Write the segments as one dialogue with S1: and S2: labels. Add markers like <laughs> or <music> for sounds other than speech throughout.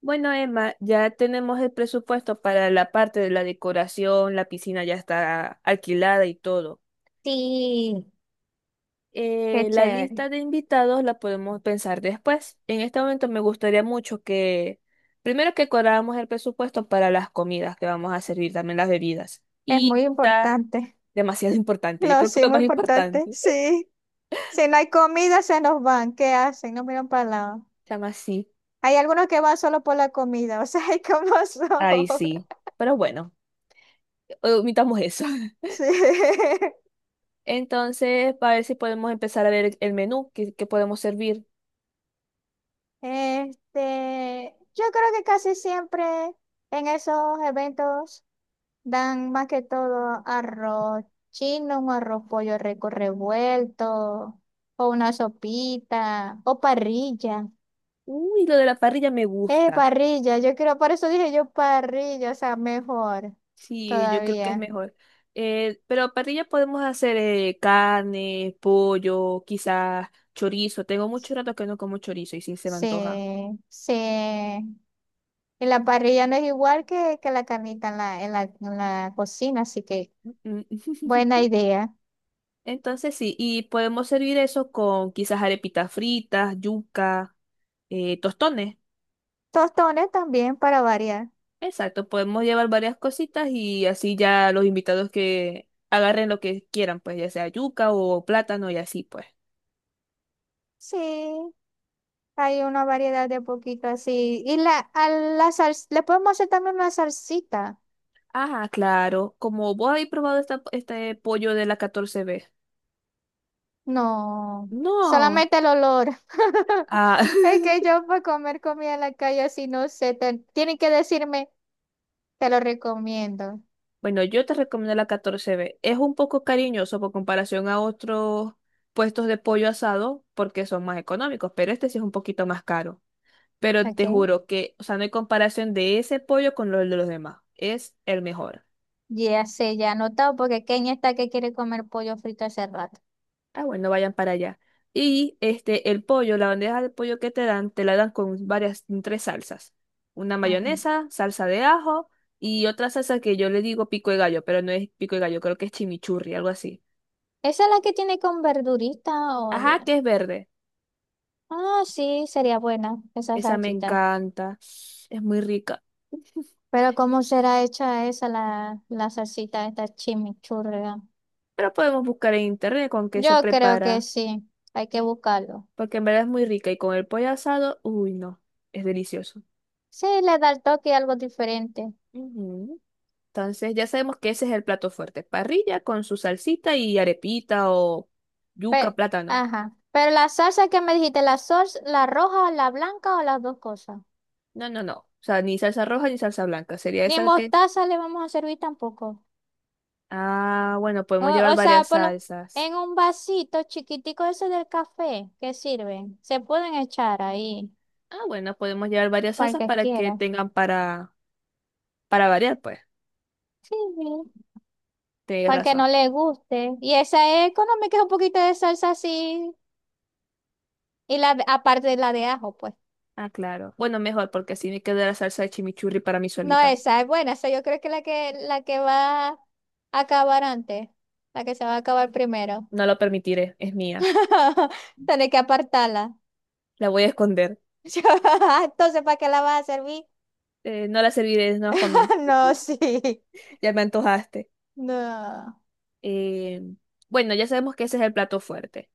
S1: Bueno, Emma, ya tenemos el presupuesto para la parte de la decoración, la piscina ya está alquilada y todo.
S2: Sí, qué
S1: La
S2: chévere.
S1: lista de invitados la podemos pensar después. En este momento me gustaría mucho que, primero que cuadráramos el presupuesto para las comidas que vamos a servir, también las bebidas.
S2: Es
S1: Y
S2: muy
S1: está
S2: importante. <laughs>
S1: demasiado <laughs> importante, yo
S2: No,
S1: creo que
S2: sí,
S1: lo
S2: muy
S1: más
S2: importante.
S1: importante.
S2: Sí. Si no hay comida, se nos van. ¿Qué hacen? No miran para el lado.
S1: Se sí,
S2: Hay algunos que van solo por la comida. <laughs> O sea, hay como <laughs> son.
S1: ahí sí. Pero bueno, omitamos eso. <laughs>
S2: Sí.
S1: Entonces, para ver si podemos empezar a ver el menú que podemos servir.
S2: Este, yo creo que casi siempre en esos eventos dan más que todo arroz chino, un arroz pollo rico revuelto, o una sopita, o parrilla.
S1: Uy, lo de la parrilla me gusta.
S2: Parrilla, yo quiero, por eso dije yo parrilla, o sea, mejor
S1: Sí, yo creo que es
S2: todavía.
S1: mejor. Pero parrilla podemos hacer carne, pollo, quizás chorizo. Tengo mucho rato que no como chorizo y sí se me
S2: Sí,
S1: antoja.
S2: sí. Y la parrilla no es igual que la carnita en la cocina, así que
S1: Mm.
S2: buena
S1: <laughs>
S2: idea.
S1: Entonces sí, y podemos servir eso con quizás arepitas fritas, yuca, tostones.
S2: Tostones también para variar.
S1: Exacto, podemos llevar varias cositas y así ya los invitados que agarren lo que quieran, pues ya sea yuca o plátano y así pues.
S2: Sí, hay una variedad de poquito así. Y a la sal- le podemos hacer también una salsita.
S1: Ah, claro. Como vos habéis probado este pollo de la 14B.
S2: No,
S1: No.
S2: solamente el olor. <laughs>
S1: Ah,
S2: Es que
S1: <laughs>
S2: yo para comer comida en la calle así no sé, te- tienen que decirme, te lo recomiendo.
S1: bueno, yo te recomiendo la 14B. Es un poco cariñoso por comparación a otros puestos de pollo asado porque son más económicos, pero este sí es un poquito más caro. Pero te
S2: ¿Ok?
S1: juro que, o sea, no hay comparación de ese pollo con los de los demás. Es el mejor.
S2: Ya sé, ya he anotado porque Kenia está que quiere comer pollo frito hace rato.
S1: Ah, bueno, vayan para allá. Y este, el pollo, la bandeja de pollo que te dan, te la dan con varias, con tres salsas. Una
S2: Ajá.
S1: mayonesa, salsa de ajo y otra salsa que yo le digo pico de gallo, pero no es pico de gallo, creo que es chimichurri, algo así.
S2: ¿Esa es la que tiene con verdurita? Oye.
S1: Ajá, que es verde.
S2: Ah, sí, sería buena esa
S1: Esa me
S2: salsita.
S1: encanta. Es muy rica. <laughs>
S2: Pero ¿cómo será hecha esa la salsita, esta chimichurria?
S1: Pero podemos buscar en internet con qué se
S2: Yo creo que
S1: prepara,
S2: sí, hay que buscarlo.
S1: porque en verdad es muy rica y con el pollo asado, uy, no, es delicioso.
S2: Sí, le da el toque algo diferente.
S1: Ujú. Entonces ya sabemos que ese es el plato fuerte. Parrilla con su salsita y arepita o yuca,
S2: Pe-
S1: plátano.
S2: Ajá. Pero la salsa que me dijiste, la salsa, la roja, la blanca o las dos cosas.
S1: No, no, no. O sea, ni salsa roja ni salsa blanca. Sería
S2: Ni
S1: esa que…
S2: mostaza le vamos a servir tampoco.
S1: Ah, bueno,
S2: O,
S1: podemos llevar
S2: o sea,
S1: varias
S2: por lo-
S1: salsas.
S2: en un vasito chiquitico ese del café que sirven, se pueden echar ahí,
S1: Ah, bueno, podemos llevar varias
S2: para el
S1: salsas
S2: que
S1: para que
S2: quiera.
S1: tengan para variar, pues.
S2: Sí, sí,
S1: Tienes
S2: para el que
S1: razón.
S2: no le guste. Y esa es económica, es un poquito de salsa así. Y la de- aparte de la de ajo, pues.
S1: Ah, claro. Bueno, mejor porque así me queda la salsa de chimichurri para mí
S2: No,
S1: solita.
S2: esa es buena. Esa yo creo que es la que va a acabar antes. La que se va a acabar primero.
S1: No lo permitiré, es mía.
S2: <laughs> Tenés que apartarla.
S1: La voy a esconder.
S2: <laughs> Entonces, ¿para qué la vas a servir?
S1: No la serviré, no es nada para mí.
S2: <laughs> No,
S1: <laughs>
S2: sí.
S1: Ya me antojaste.
S2: No.
S1: Eh, bueno, ya sabemos que ese es el plato fuerte,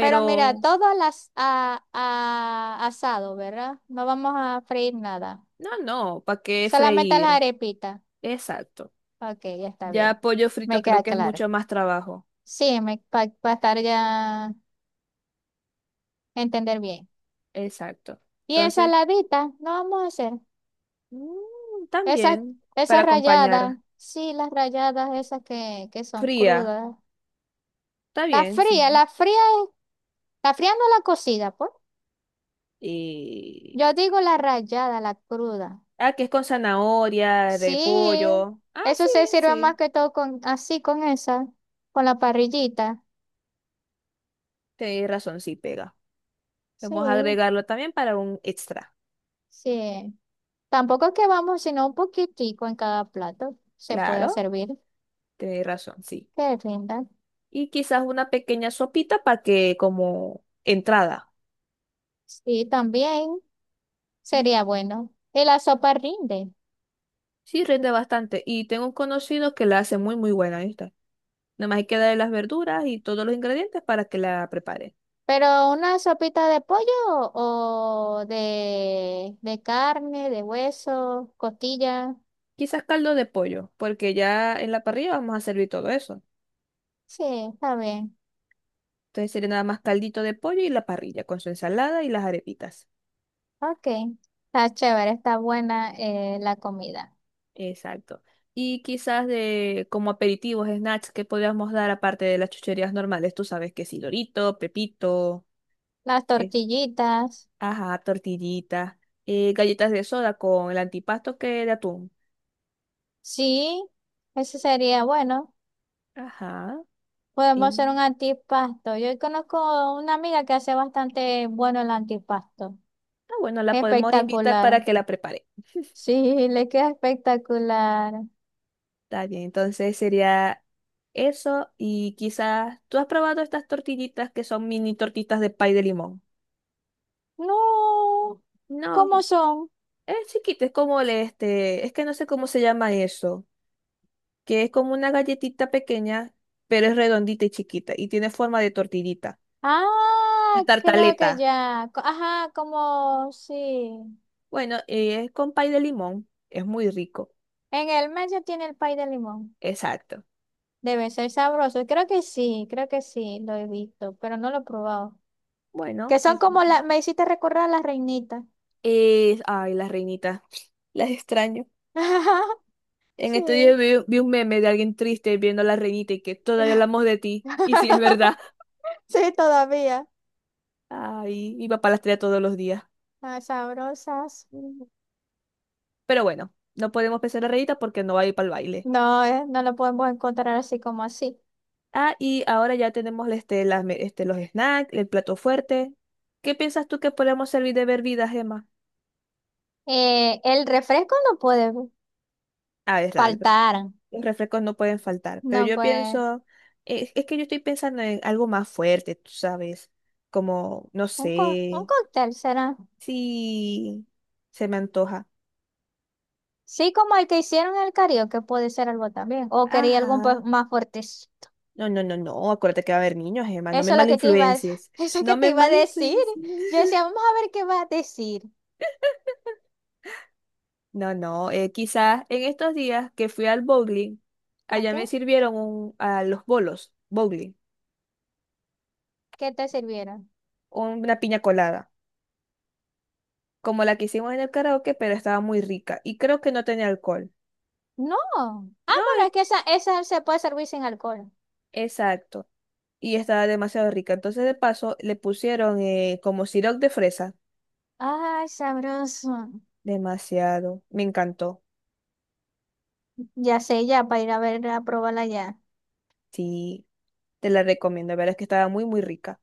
S2: Pero mira, todo al asado, ¿verdad? No vamos a freír nada.
S1: no, no, ¿para qué
S2: Solamente las
S1: freír?
S2: arepitas.
S1: Exacto.
S2: Ok, ya está bien.
S1: Ya pollo frito
S2: Me
S1: creo
S2: queda
S1: que es
S2: claro.
S1: mucho más trabajo.
S2: Sí, me, para estar ya, entender bien.
S1: Exacto.
S2: Y
S1: Entonces,
S2: ensaladita, no vamos a hacer.
S1: mm,
S2: Esas,
S1: también para
S2: Esas ralladas.
S1: acompañar
S2: Sí, las ralladas esas que son
S1: fría,
S2: crudas.
S1: está
S2: La
S1: bien,
S2: fría,
S1: sí.
S2: la fría. La fría no la cocida, pues.
S1: Y,
S2: Yo digo la rallada, la cruda.
S1: ah, que es con zanahoria,
S2: Sí,
S1: repollo. Ah, sí,
S2: eso se sirve más
S1: sí,
S2: que todo con, así, con esa, con la parrillita.
S1: tenéis razón, sí pega.
S2: Sí,
S1: Vamos a agregarlo también para un extra.
S2: sí. Tampoco es que vamos, sino un poquitico en cada plato. Se puede
S1: Claro,
S2: servir,
S1: tenéis razón, sí.
S2: que rinda.
S1: Y quizás una pequeña sopita para que como entrada.
S2: Sí, también
S1: Mm.
S2: sería bueno. Y la sopa rinde.
S1: Sí, rinde bastante. Y tengo un conocido que la hace muy, muy buena esta. Nada más hay que darle las verduras y todos los ingredientes para que la prepare.
S2: Pero una sopita de pollo o de carne, de hueso, costilla.
S1: Quizás caldo de pollo, porque ya en la parrilla vamos a servir todo eso.
S2: Sí, está bien.
S1: Entonces sería nada más caldito de pollo y la parrilla con su ensalada y las arepitas.
S2: Ok, está chévere, está buena la comida.
S1: Exacto. Y quizás de como aperitivos, snacks que podríamos dar aparte de las chucherías normales. Tú sabes que sí, Dorito, Pepito,
S2: Las tortillitas,
S1: ajá, tortillita, galletas de soda con el antipasto que de atún.
S2: sí, eso sería bueno.
S1: Ajá.
S2: Podemos hacer un
S1: Y
S2: antipasto. Yo conozco una amiga que hace bastante bueno el antipasto.
S1: ah, bueno, la podemos invitar
S2: Espectacular.
S1: para que la prepare.
S2: Sí, le queda espectacular.
S1: Está bien, entonces sería eso y quizás tú has probado estas tortillitas que son mini tortitas de pay de limón.
S2: No,
S1: No,
S2: ¿cómo son?
S1: es chiquita, es como el este, es que no sé cómo se llama eso, que es como una galletita pequeña, pero es redondita y chiquita y tiene forma de tortillita, de
S2: Ah, creo que
S1: tartaleta.
S2: ya. Co- Ajá, como sí.
S1: Bueno, es con pay de limón, es muy rico.
S2: En el medio tiene el pay de limón.
S1: Exacto.
S2: Debe ser sabroso. Creo que sí, lo he visto, pero no lo he probado.
S1: Bueno,
S2: Que son como las, me hiciste recordar a las reinitas.
S1: es- ay, las reinitas, las <laughs> extraño.
S2: <laughs>
S1: En estos
S2: Sí.
S1: días vi un meme de alguien triste viendo a la reinita y que todavía hablamos de ti. <laughs>
S2: <laughs>
S1: Y sí es verdad.
S2: Sí, todavía.
S1: Ay, mi papá las trae todos los días.
S2: Ah, sabrosas.
S1: Mm. Pero bueno, no podemos pensar la reinita porque no va a ir para el baile.
S2: No, no lo podemos encontrar así como así.
S1: Ah, y ahora ya tenemos este, las me- este, los snacks, el plato fuerte. ¿Qué piensas tú que podemos servir de bebidas, Emma?
S2: El refresco no puede
S1: Ah, es real.
S2: faltar.
S1: Los refrescos no pueden faltar, pero
S2: No,
S1: yo
S2: pues,
S1: pienso, es que yo estoy pensando en algo más fuerte, tú sabes, como, no
S2: un, co- un
S1: sé,
S2: cóctel será.
S1: si se me antoja.
S2: Sí, como el que hicieron en el karaoke, puede ser algo también. O quería algo un po-
S1: Ajá.
S2: más fuerte.
S1: No, no, no, no, acuérdate que va a haber niños, Emma, no me
S2: Eso es lo que te iba a,
S1: malinfluencies,
S2: <laughs> eso es que
S1: no
S2: te
S1: me
S2: iba a decir.
S1: malinfluencies.
S2: Yo
S1: <laughs>
S2: decía, vamos a ver qué va a decir.
S1: No, no, quizás en estos días que fui al bowling,
S2: ¿A
S1: allá
S2: qué?
S1: me sirvieron un- a los bolos, bowling,
S2: ¿Qué te sirvieron?
S1: una piña colada, como la que hicimos en el karaoke, pero estaba muy rica y creo que no tenía alcohol.
S2: No. Ah,
S1: No,
S2: bueno, es que esa se puede servir sin alcohol.
S1: exacto. Y estaba demasiado rica. Entonces, de paso, le pusieron como sirope de fresa.
S2: Ay, sabroso.
S1: Demasiado. Me encantó.
S2: Ya sé, ya, para ir a ver, a probarla ya.
S1: Sí, te la recomiendo. La verdad es que estaba muy, muy rica.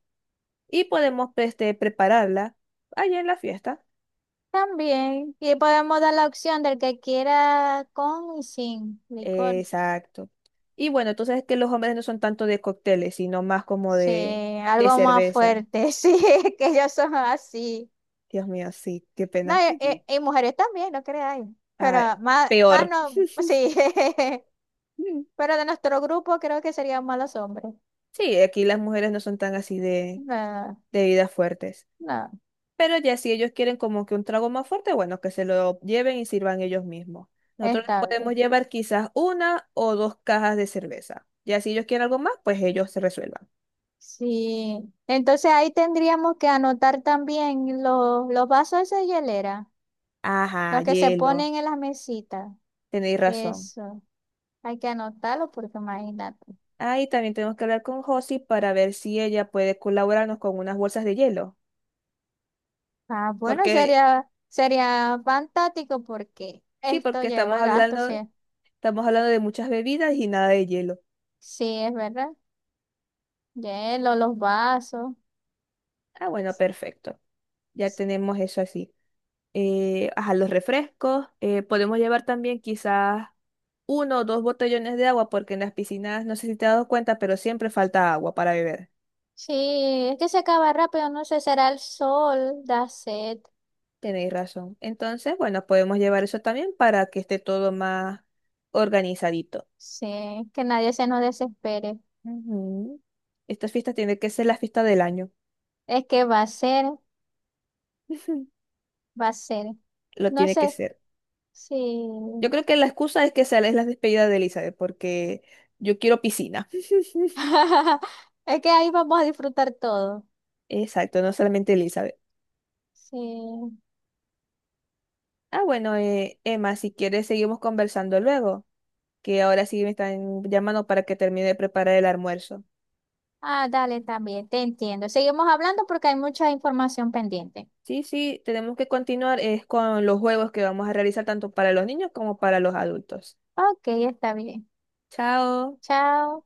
S1: Y podemos pues, este, prepararla allá en la fiesta.
S2: También. Y podemos dar la opción del que quiera con y sin licor.
S1: Exacto. Y bueno, entonces es que los hombres no son tanto de cócteles, sino más como
S2: Sí,
S1: de
S2: algo más
S1: cerveza.
S2: fuerte. <laughs> Sí, es que ellos son así.
S1: Dios mío, sí, qué
S2: No,
S1: pena. Ujú.
S2: y mujeres también, no creáis.
S1: Ah,
S2: Pero más, más
S1: peor.
S2: no,
S1: <laughs>
S2: sí. <laughs> Pero de nuestro grupo creo que serían malos hombres.
S1: Sí, aquí las mujeres no son tan así
S2: No,
S1: de bebidas fuertes.
S2: no,
S1: Pero ya si ellos quieren como que un trago más fuerte, bueno, que se lo lleven y sirvan ellos mismos. Nosotros les
S2: está
S1: podemos
S2: bien.
S1: llevar quizás una o dos cajas de cerveza. Ya si ellos quieren algo más, pues ellos se resuelvan.
S2: Sí. Entonces ahí tendríamos que anotar también los vasos de hielera,
S1: Ajá,
S2: los que se
S1: hielo.
S2: ponen en las mesitas.
S1: Tenéis razón.
S2: Eso, hay que anotarlo porque imagínate.
S1: Ahí también tenemos que hablar con Josie para ver si ella puede colaborarnos con unas bolsas de hielo.
S2: Ah, bueno,
S1: Porque,
S2: sería, sería fantástico porque
S1: sí,
S2: esto
S1: porque
S2: lleva gasto, sí.
S1: estamos hablando de muchas bebidas y nada de hielo.
S2: Sí, es verdad. Hielo, los vasos.
S1: Ah, bueno, perfecto. Ya tenemos eso así. Eh, ajá, los refrescos. Eh, podemos llevar también quizás uno o dos botellones de agua, porque en las piscinas, no sé si te has dado cuenta, pero siempre falta agua para beber.
S2: Sí, es que se acaba rápido, no sé, será el sol, da sed.
S1: Tenéis razón. Entonces, bueno, podemos llevar eso también para que esté todo más organizadito.
S2: Sí, que nadie se nos desespere.
S1: Ujú. Estas fiestas tienen que ser la fiesta del año.
S2: Es que va a ser,
S1: <laughs>
S2: va a ser.
S1: Lo
S2: No
S1: tiene
S2: sé,
S1: que ser.
S2: sí.
S1: Yo creo que la excusa es que sea es la despedida de Elizabeth, porque yo quiero piscina. <laughs>
S2: <laughs> Es que ahí vamos a disfrutar todo.
S1: Exacto, no solamente Elizabeth.
S2: Sí.
S1: Ah, bueno, Emma, si quieres seguimos conversando luego, que ahora sí me están llamando para que termine de preparar el almuerzo.
S2: Ah, dale, también, te entiendo. Seguimos hablando porque hay mucha información pendiente.
S1: Sí, sí, tenemos que continuar es con los juegos que vamos a realizar tanto para los niños como para los adultos.
S2: Ok, está bien.
S1: Chao.
S2: Chao.